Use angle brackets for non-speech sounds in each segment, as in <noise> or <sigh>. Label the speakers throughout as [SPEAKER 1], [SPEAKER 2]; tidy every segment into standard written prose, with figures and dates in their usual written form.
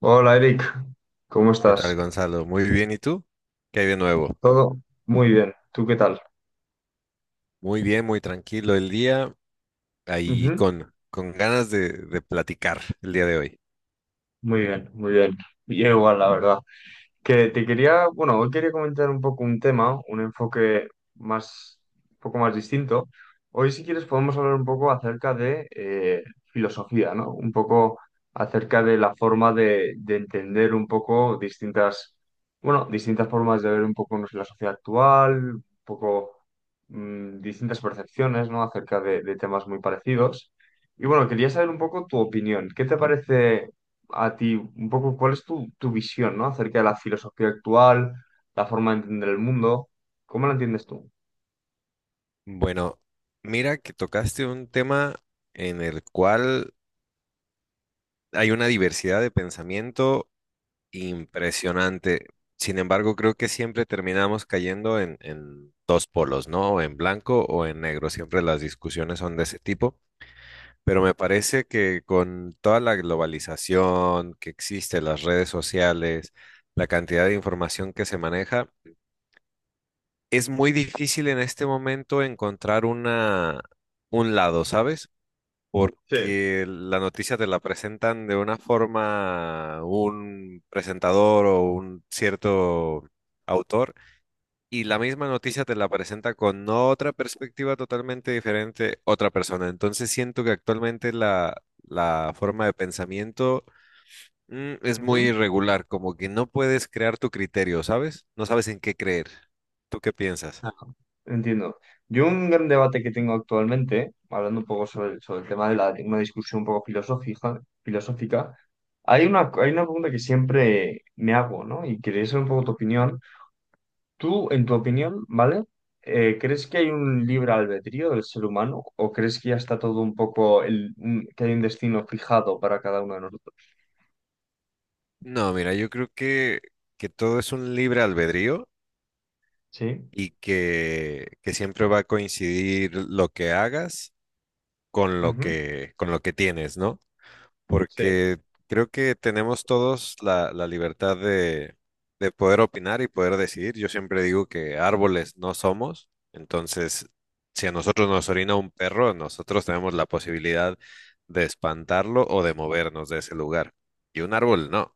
[SPEAKER 1] Hola Eric, ¿cómo
[SPEAKER 2] ¿Qué tal,
[SPEAKER 1] estás?
[SPEAKER 2] Gonzalo? Muy bien, ¿y tú? ¿Qué hay de nuevo?
[SPEAKER 1] Todo muy bien, ¿tú qué tal?
[SPEAKER 2] Muy bien, muy tranquilo el día, ahí
[SPEAKER 1] Ujú.
[SPEAKER 2] con ganas de platicar el día de hoy.
[SPEAKER 1] Muy bien, muy bien. Yo igual, la verdad. Que te quería, bueno, Hoy quería comentar un poco un tema, un enfoque más, un poco más distinto. Hoy, si quieres, podemos hablar un poco acerca de filosofía, ¿no? Un poco acerca de la forma de entender un poco distintas, bueno, distintas formas de ver un poco no sé, la sociedad actual, un poco distintas percepciones, ¿no? Acerca de temas muy parecidos. Y bueno, quería saber un poco tu opinión. ¿Qué te parece a ti un poco cuál es tu visión, ¿no? Acerca de la filosofía actual, la forma de entender el mundo. ¿Cómo la entiendes tú?
[SPEAKER 2] Bueno, mira que tocaste un tema en el cual hay una diversidad de pensamiento impresionante. Sin embargo, creo que siempre terminamos cayendo en dos polos, ¿no? O en blanco o en negro. Siempre las discusiones son de ese tipo. Pero me parece que con toda la globalización que existe, las redes sociales, la cantidad de información que se maneja, es muy difícil en este momento encontrar un lado, ¿sabes?
[SPEAKER 1] Sí.
[SPEAKER 2] Porque la noticia te la presentan de una forma un presentador o un cierto autor y la misma noticia te la presenta con otra perspectiva totalmente diferente otra persona. Entonces siento que actualmente la forma de pensamiento es muy
[SPEAKER 1] Ujú.
[SPEAKER 2] irregular, como que no puedes crear tu criterio, ¿sabes? No sabes en qué creer. ¿Tú qué piensas?
[SPEAKER 1] Ajá. Entiendo. Yo un gran debate que tengo actualmente, hablando un poco sobre el tema de la, una discusión un poco hay hay una pregunta que siempre me hago, ¿no? Y quería saber un poco tu opinión. Tú, en tu opinión, ¿vale? ¿Crees que hay un libre albedrío del ser humano o crees que ya está todo un poco, que hay un destino fijado para cada uno de nosotros?
[SPEAKER 2] No, mira, que todo es un libre albedrío
[SPEAKER 1] Sí.
[SPEAKER 2] y que siempre va a coincidir lo que hagas con lo
[SPEAKER 1] Ujú.
[SPEAKER 2] que tienes, ¿no?
[SPEAKER 1] Sí.
[SPEAKER 2] Porque creo que tenemos todos la libertad de poder opinar y poder decidir. Yo siempre digo que árboles no somos, entonces si a nosotros nos orina un perro, nosotros tenemos la posibilidad de espantarlo o de movernos de ese lugar. Y un árbol no.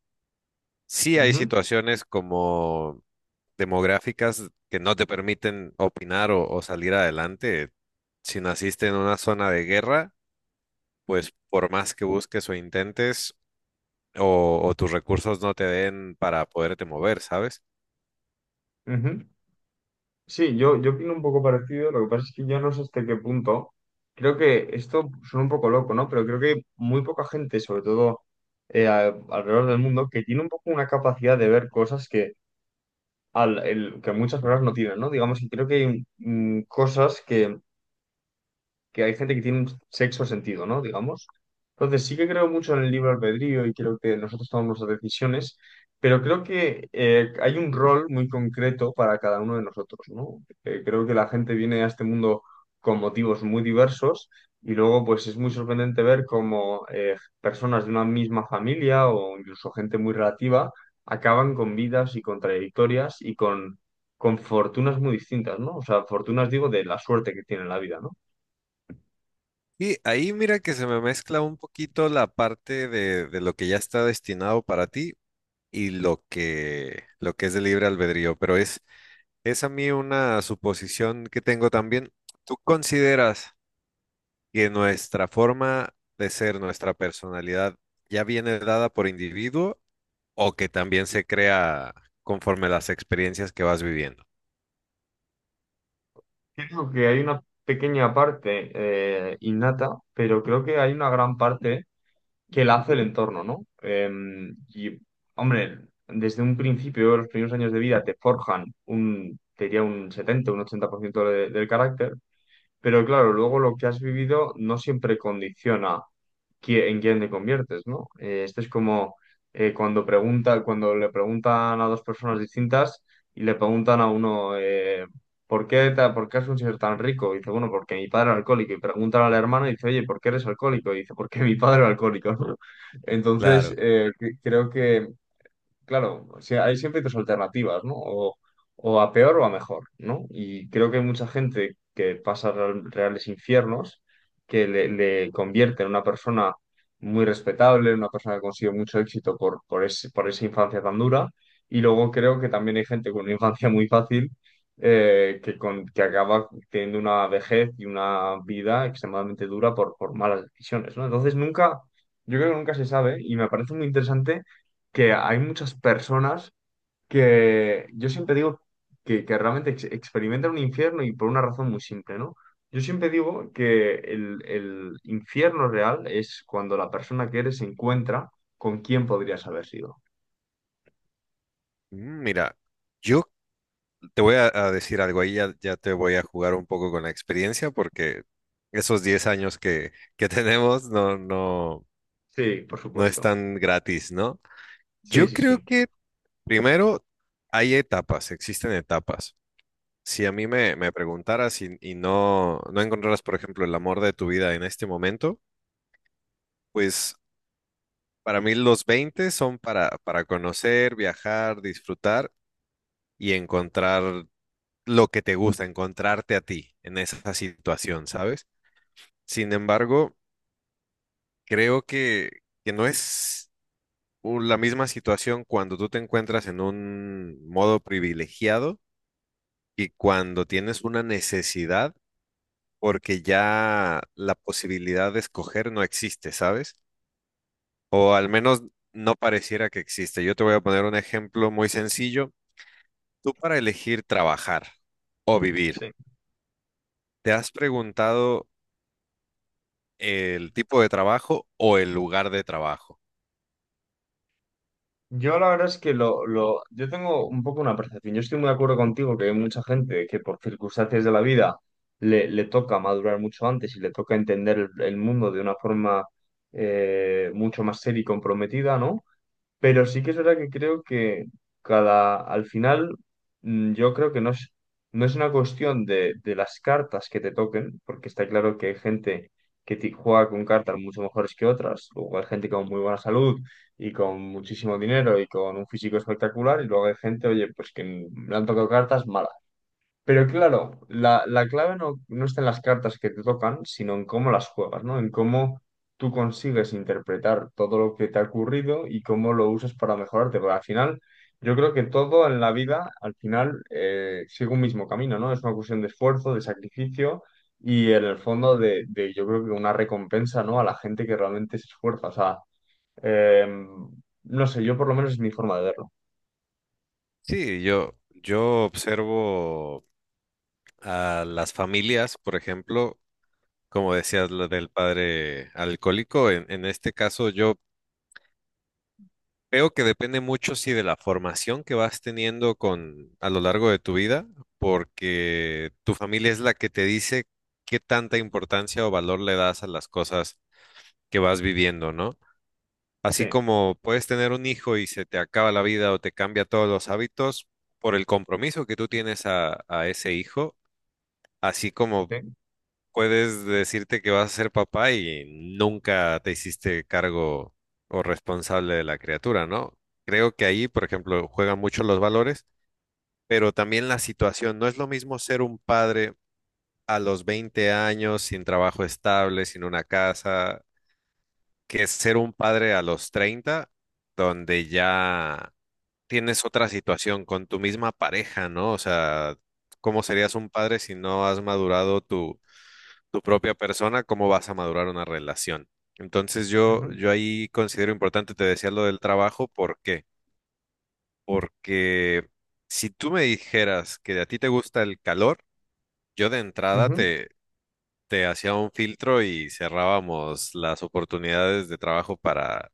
[SPEAKER 2] Sí hay
[SPEAKER 1] Ujú.
[SPEAKER 2] situaciones como demográficas que no te permiten opinar o salir adelante. Si naciste en una zona de guerra, pues por más que busques o intentes, o tus recursos no te den para poderte mover, ¿sabes?
[SPEAKER 1] Ujú. Sí, yo opino un poco parecido, lo que pasa es que yo no sé hasta qué punto. Creo que esto suena un poco loco, ¿no? Pero creo que muy poca gente, sobre todo alrededor del mundo, que tiene un poco una capacidad de ver cosas que, que muchas personas no tienen, ¿no? Digamos que creo que hay cosas que hay gente que tiene un sexo sentido, ¿no? Digamos. Entonces, sí que creo mucho en el libre albedrío y creo que nosotros tomamos las decisiones, pero creo que hay un rol muy concreto para cada uno de nosotros, ¿no? Creo que la gente viene a este mundo con motivos muy diversos y luego, pues, es muy sorprendente ver cómo personas de una misma familia o incluso gente muy relativa acaban con vidas y con trayectorias y con fortunas muy distintas, ¿no? O sea, fortunas, digo, de la suerte que tiene en la vida, ¿no?
[SPEAKER 2] Y ahí mira que se me mezcla un poquito la parte de lo que ya está destinado para ti y lo que es de libre albedrío, pero es a mí una suposición que tengo también. ¿Tú consideras que nuestra forma de ser, nuestra personalidad, ya viene dada por individuo o que también se crea conforme las experiencias que vas viviendo?
[SPEAKER 1] Creo que hay una pequeña parte innata, pero creo que hay una gran parte que la hace el entorno, ¿no? Y, hombre, desde un principio, los primeros años de vida te forjan te diría un 70, un 80% del carácter, pero claro, luego lo que has vivido no siempre condiciona en quién te conviertes, ¿no? Esto es como cuando cuando le preguntan a dos personas distintas y le preguntan a uno, ¿por qué, por qué has conseguido ser tan rico? Y dice, bueno, porque mi padre era alcohólico. Y preguntan al hermano y dice, oye, ¿por qué eres alcohólico? Y dice, porque mi padre era alcohólico, <laughs> ¿no? Entonces,
[SPEAKER 2] Claro.
[SPEAKER 1] creo que claro, o sea, hay siempre dos alternativas, ¿no? O a peor o a mejor, ¿no? Y creo que hay mucha gente que pasa reales infiernos, que le convierte en una persona muy respetable, en una persona que consigue mucho éxito por esa infancia tan dura. Y luego creo que también hay gente con una infancia muy fácil que acaba teniendo una vejez y una vida extremadamente dura por malas decisiones, ¿no? Entonces nunca, yo creo que nunca se sabe y me parece muy interesante que hay muchas personas que yo siempre que realmente experimentan un infierno y por una razón muy simple, ¿no? Yo siempre digo que el infierno real es cuando la persona que eres se encuentra con quién podrías haber sido.
[SPEAKER 2] Mm, Mira, yo te voy a decir algo ahí, ya te voy a jugar un poco con la experiencia porque esos 10 años que tenemos no, no,
[SPEAKER 1] Sí, por
[SPEAKER 2] no
[SPEAKER 1] supuesto.
[SPEAKER 2] están gratis, ¿no?
[SPEAKER 1] Sí,
[SPEAKER 2] Yo
[SPEAKER 1] sí,
[SPEAKER 2] creo
[SPEAKER 1] sí.
[SPEAKER 2] que primero hay etapas, existen etapas. Si a mí me preguntaras y no encontraras, por ejemplo, el amor de tu vida en este momento, pues para mí los 20 son para conocer, viajar, disfrutar y encontrar lo que te gusta, encontrarte a ti en esa situación, ¿sabes? Sin embargo, creo que no es la misma situación cuando tú te encuentras en un modo privilegiado y cuando tienes una necesidad porque ya la posibilidad de escoger no existe, ¿sabes? O al menos no pareciera que existe. Yo te voy a poner un ejemplo muy sencillo. Tú para elegir trabajar o vivir,
[SPEAKER 1] Sí.
[SPEAKER 2] ¿te has preguntado el tipo de trabajo o el lugar de trabajo?
[SPEAKER 1] Yo la verdad es que yo tengo un poco una percepción. Yo estoy muy de acuerdo contigo que hay mucha gente que por circunstancias de la vida le toca madurar mucho antes y le toca entender el mundo de una forma mucho más seria y comprometida, ¿no? Pero sí que es verdad que creo que cada, al final, yo creo que no es una cuestión de las cartas que te toquen, porque está claro que hay gente que juega con cartas mucho mejores que otras, luego hay gente con muy buena salud y con muchísimo dinero y con un físico espectacular, y luego hay gente, oye, pues que le han tocado cartas malas. Pero claro, la clave no está en las cartas que te tocan, sino en cómo las juegas, ¿no? En cómo tú consigues interpretar todo lo que te ha ocurrido y cómo lo usas para mejorarte. Porque al final, yo creo que todo en la vida, al final, sigue un mismo camino, ¿no? Es una cuestión de esfuerzo, de sacrificio y en el fondo yo creo que una recompensa, ¿no? A la gente que realmente se esfuerza. O sea, em, no sé, yo por lo menos es mi forma de verlo.
[SPEAKER 2] Sí, yo observo a las familias, por ejemplo, como decías, lo del padre alcohólico. En este caso, yo creo que depende mucho, sí, de la formación que vas teniendo con a lo largo de tu vida, porque tu familia es la que te dice qué tanta importancia o valor le das a las cosas que vas viviendo, ¿no? Así
[SPEAKER 1] Sí.
[SPEAKER 2] como puedes tener un hijo y se te acaba la vida o te cambia todos los hábitos por el compromiso que tú tienes a ese hijo, así como
[SPEAKER 1] Sí.
[SPEAKER 2] puedes decirte que vas a ser papá y nunca te hiciste cargo o responsable de la criatura, ¿no? Creo que ahí, por ejemplo, juegan mucho los valores, pero también la situación. No es lo mismo ser un padre a los 20 años, sin trabajo estable, sin una casa, que ser un padre a los 30, donde ya tienes otra situación con tu misma pareja, ¿no? O sea, ¿cómo serías un padre si no has madurado tu tu propia persona, cómo vas a madurar una relación? Entonces yo,
[SPEAKER 1] Ujú.
[SPEAKER 2] yo ahí considero importante, te decía lo del trabajo, ¿por qué? Porque si tú me dijeras que a ti te gusta el calor, yo de entrada
[SPEAKER 1] Ujú.
[SPEAKER 2] te hacía un filtro y cerrábamos las oportunidades de trabajo para,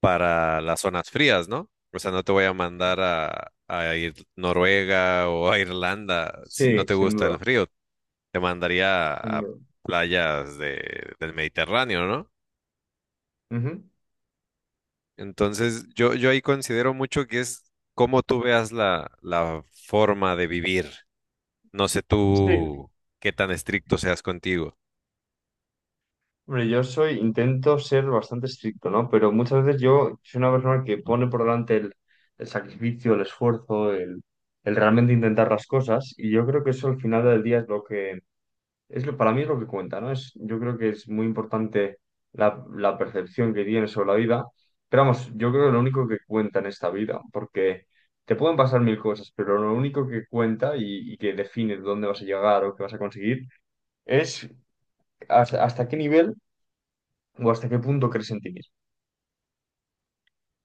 [SPEAKER 2] para las zonas frías, ¿no? O sea, no te voy a mandar a ir Noruega o a Irlanda si no
[SPEAKER 1] Sí,
[SPEAKER 2] te
[SPEAKER 1] sin
[SPEAKER 2] gusta el
[SPEAKER 1] duda.
[SPEAKER 2] frío. Te mandaría
[SPEAKER 1] Mm,
[SPEAKER 2] a playas del Mediterráneo, ¿no?
[SPEAKER 1] ujú.
[SPEAKER 2] Entonces, yo ahí considero mucho que es cómo tú veas la forma de vivir. No sé
[SPEAKER 1] Sí.
[SPEAKER 2] tú qué tan estricto seas contigo.
[SPEAKER 1] Hombre, yo soy, intento ser bastante estricto, ¿no? Pero muchas veces yo soy una persona que pone por delante el sacrificio, el esfuerzo, el realmente intentar las cosas, y yo creo que eso al final del día es lo es lo, para mí es lo que cuenta, ¿no? Es, yo creo que es muy importante la percepción que tienes sobre la vida, pero vamos, yo creo que lo único que cuenta en esta vida, porque te pueden pasar mil cosas, pero lo único que cuenta y que define dónde vas a llegar o qué vas a conseguir. Es ¿hasta, hasta qué nivel o hasta qué punto crees en ti mismo?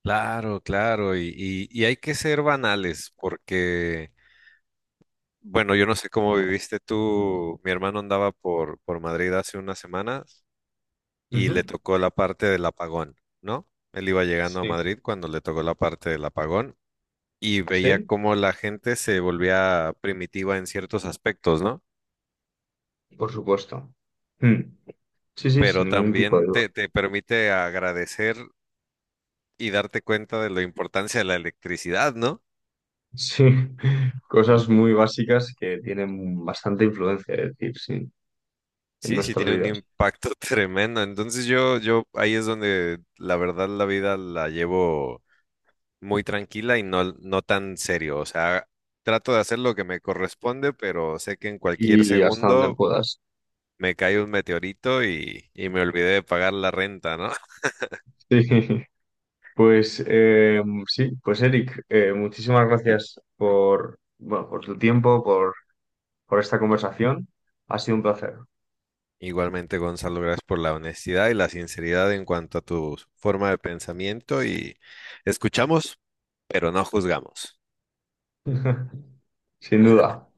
[SPEAKER 2] Claro, claro, y hay que ser banales porque, bueno, yo no sé cómo viviste tú. Mi hermano andaba por Madrid hace unas semanas y
[SPEAKER 1] Ujú.
[SPEAKER 2] le tocó la parte del apagón, ¿no? Él iba llegando a
[SPEAKER 1] Sí,
[SPEAKER 2] Madrid cuando le tocó la parte del apagón y veía
[SPEAKER 1] sí,
[SPEAKER 2] cómo la gente se volvía primitiva en ciertos aspectos, ¿no?
[SPEAKER 1] por supuesto. Mm. Sí, sí, sin
[SPEAKER 2] Pero
[SPEAKER 1] ningún tipo de
[SPEAKER 2] también
[SPEAKER 1] duda.
[SPEAKER 2] te permite agradecer y darte cuenta de la importancia de la electricidad, ¿no?
[SPEAKER 1] Sí, <laughs> cosas muy básicas que tienen bastante influencia, es decir, sí, en
[SPEAKER 2] Sí, sí
[SPEAKER 1] nuestras
[SPEAKER 2] tiene un
[SPEAKER 1] vidas
[SPEAKER 2] impacto <laughs> tremendo. Entonces yo ahí es donde la verdad la vida la llevo muy tranquila y no tan serio. O sea, trato de hacer lo que me corresponde, pero sé que en cualquier
[SPEAKER 1] y hasta donde
[SPEAKER 2] segundo
[SPEAKER 1] puedas.
[SPEAKER 2] me cae un meteorito y me olvidé de pagar la renta, ¿no?
[SPEAKER 1] Sí, <laughs> pues Eric, muchísimas gracias por, bueno, por tu tiempo, por esta conversación. Ha sido un placer,
[SPEAKER 2] Igualmente, Gonzalo, gracias por la honestidad y la sinceridad en cuanto a tu forma de pensamiento y escuchamos, pero no juzgamos.
[SPEAKER 1] <laughs> sin duda.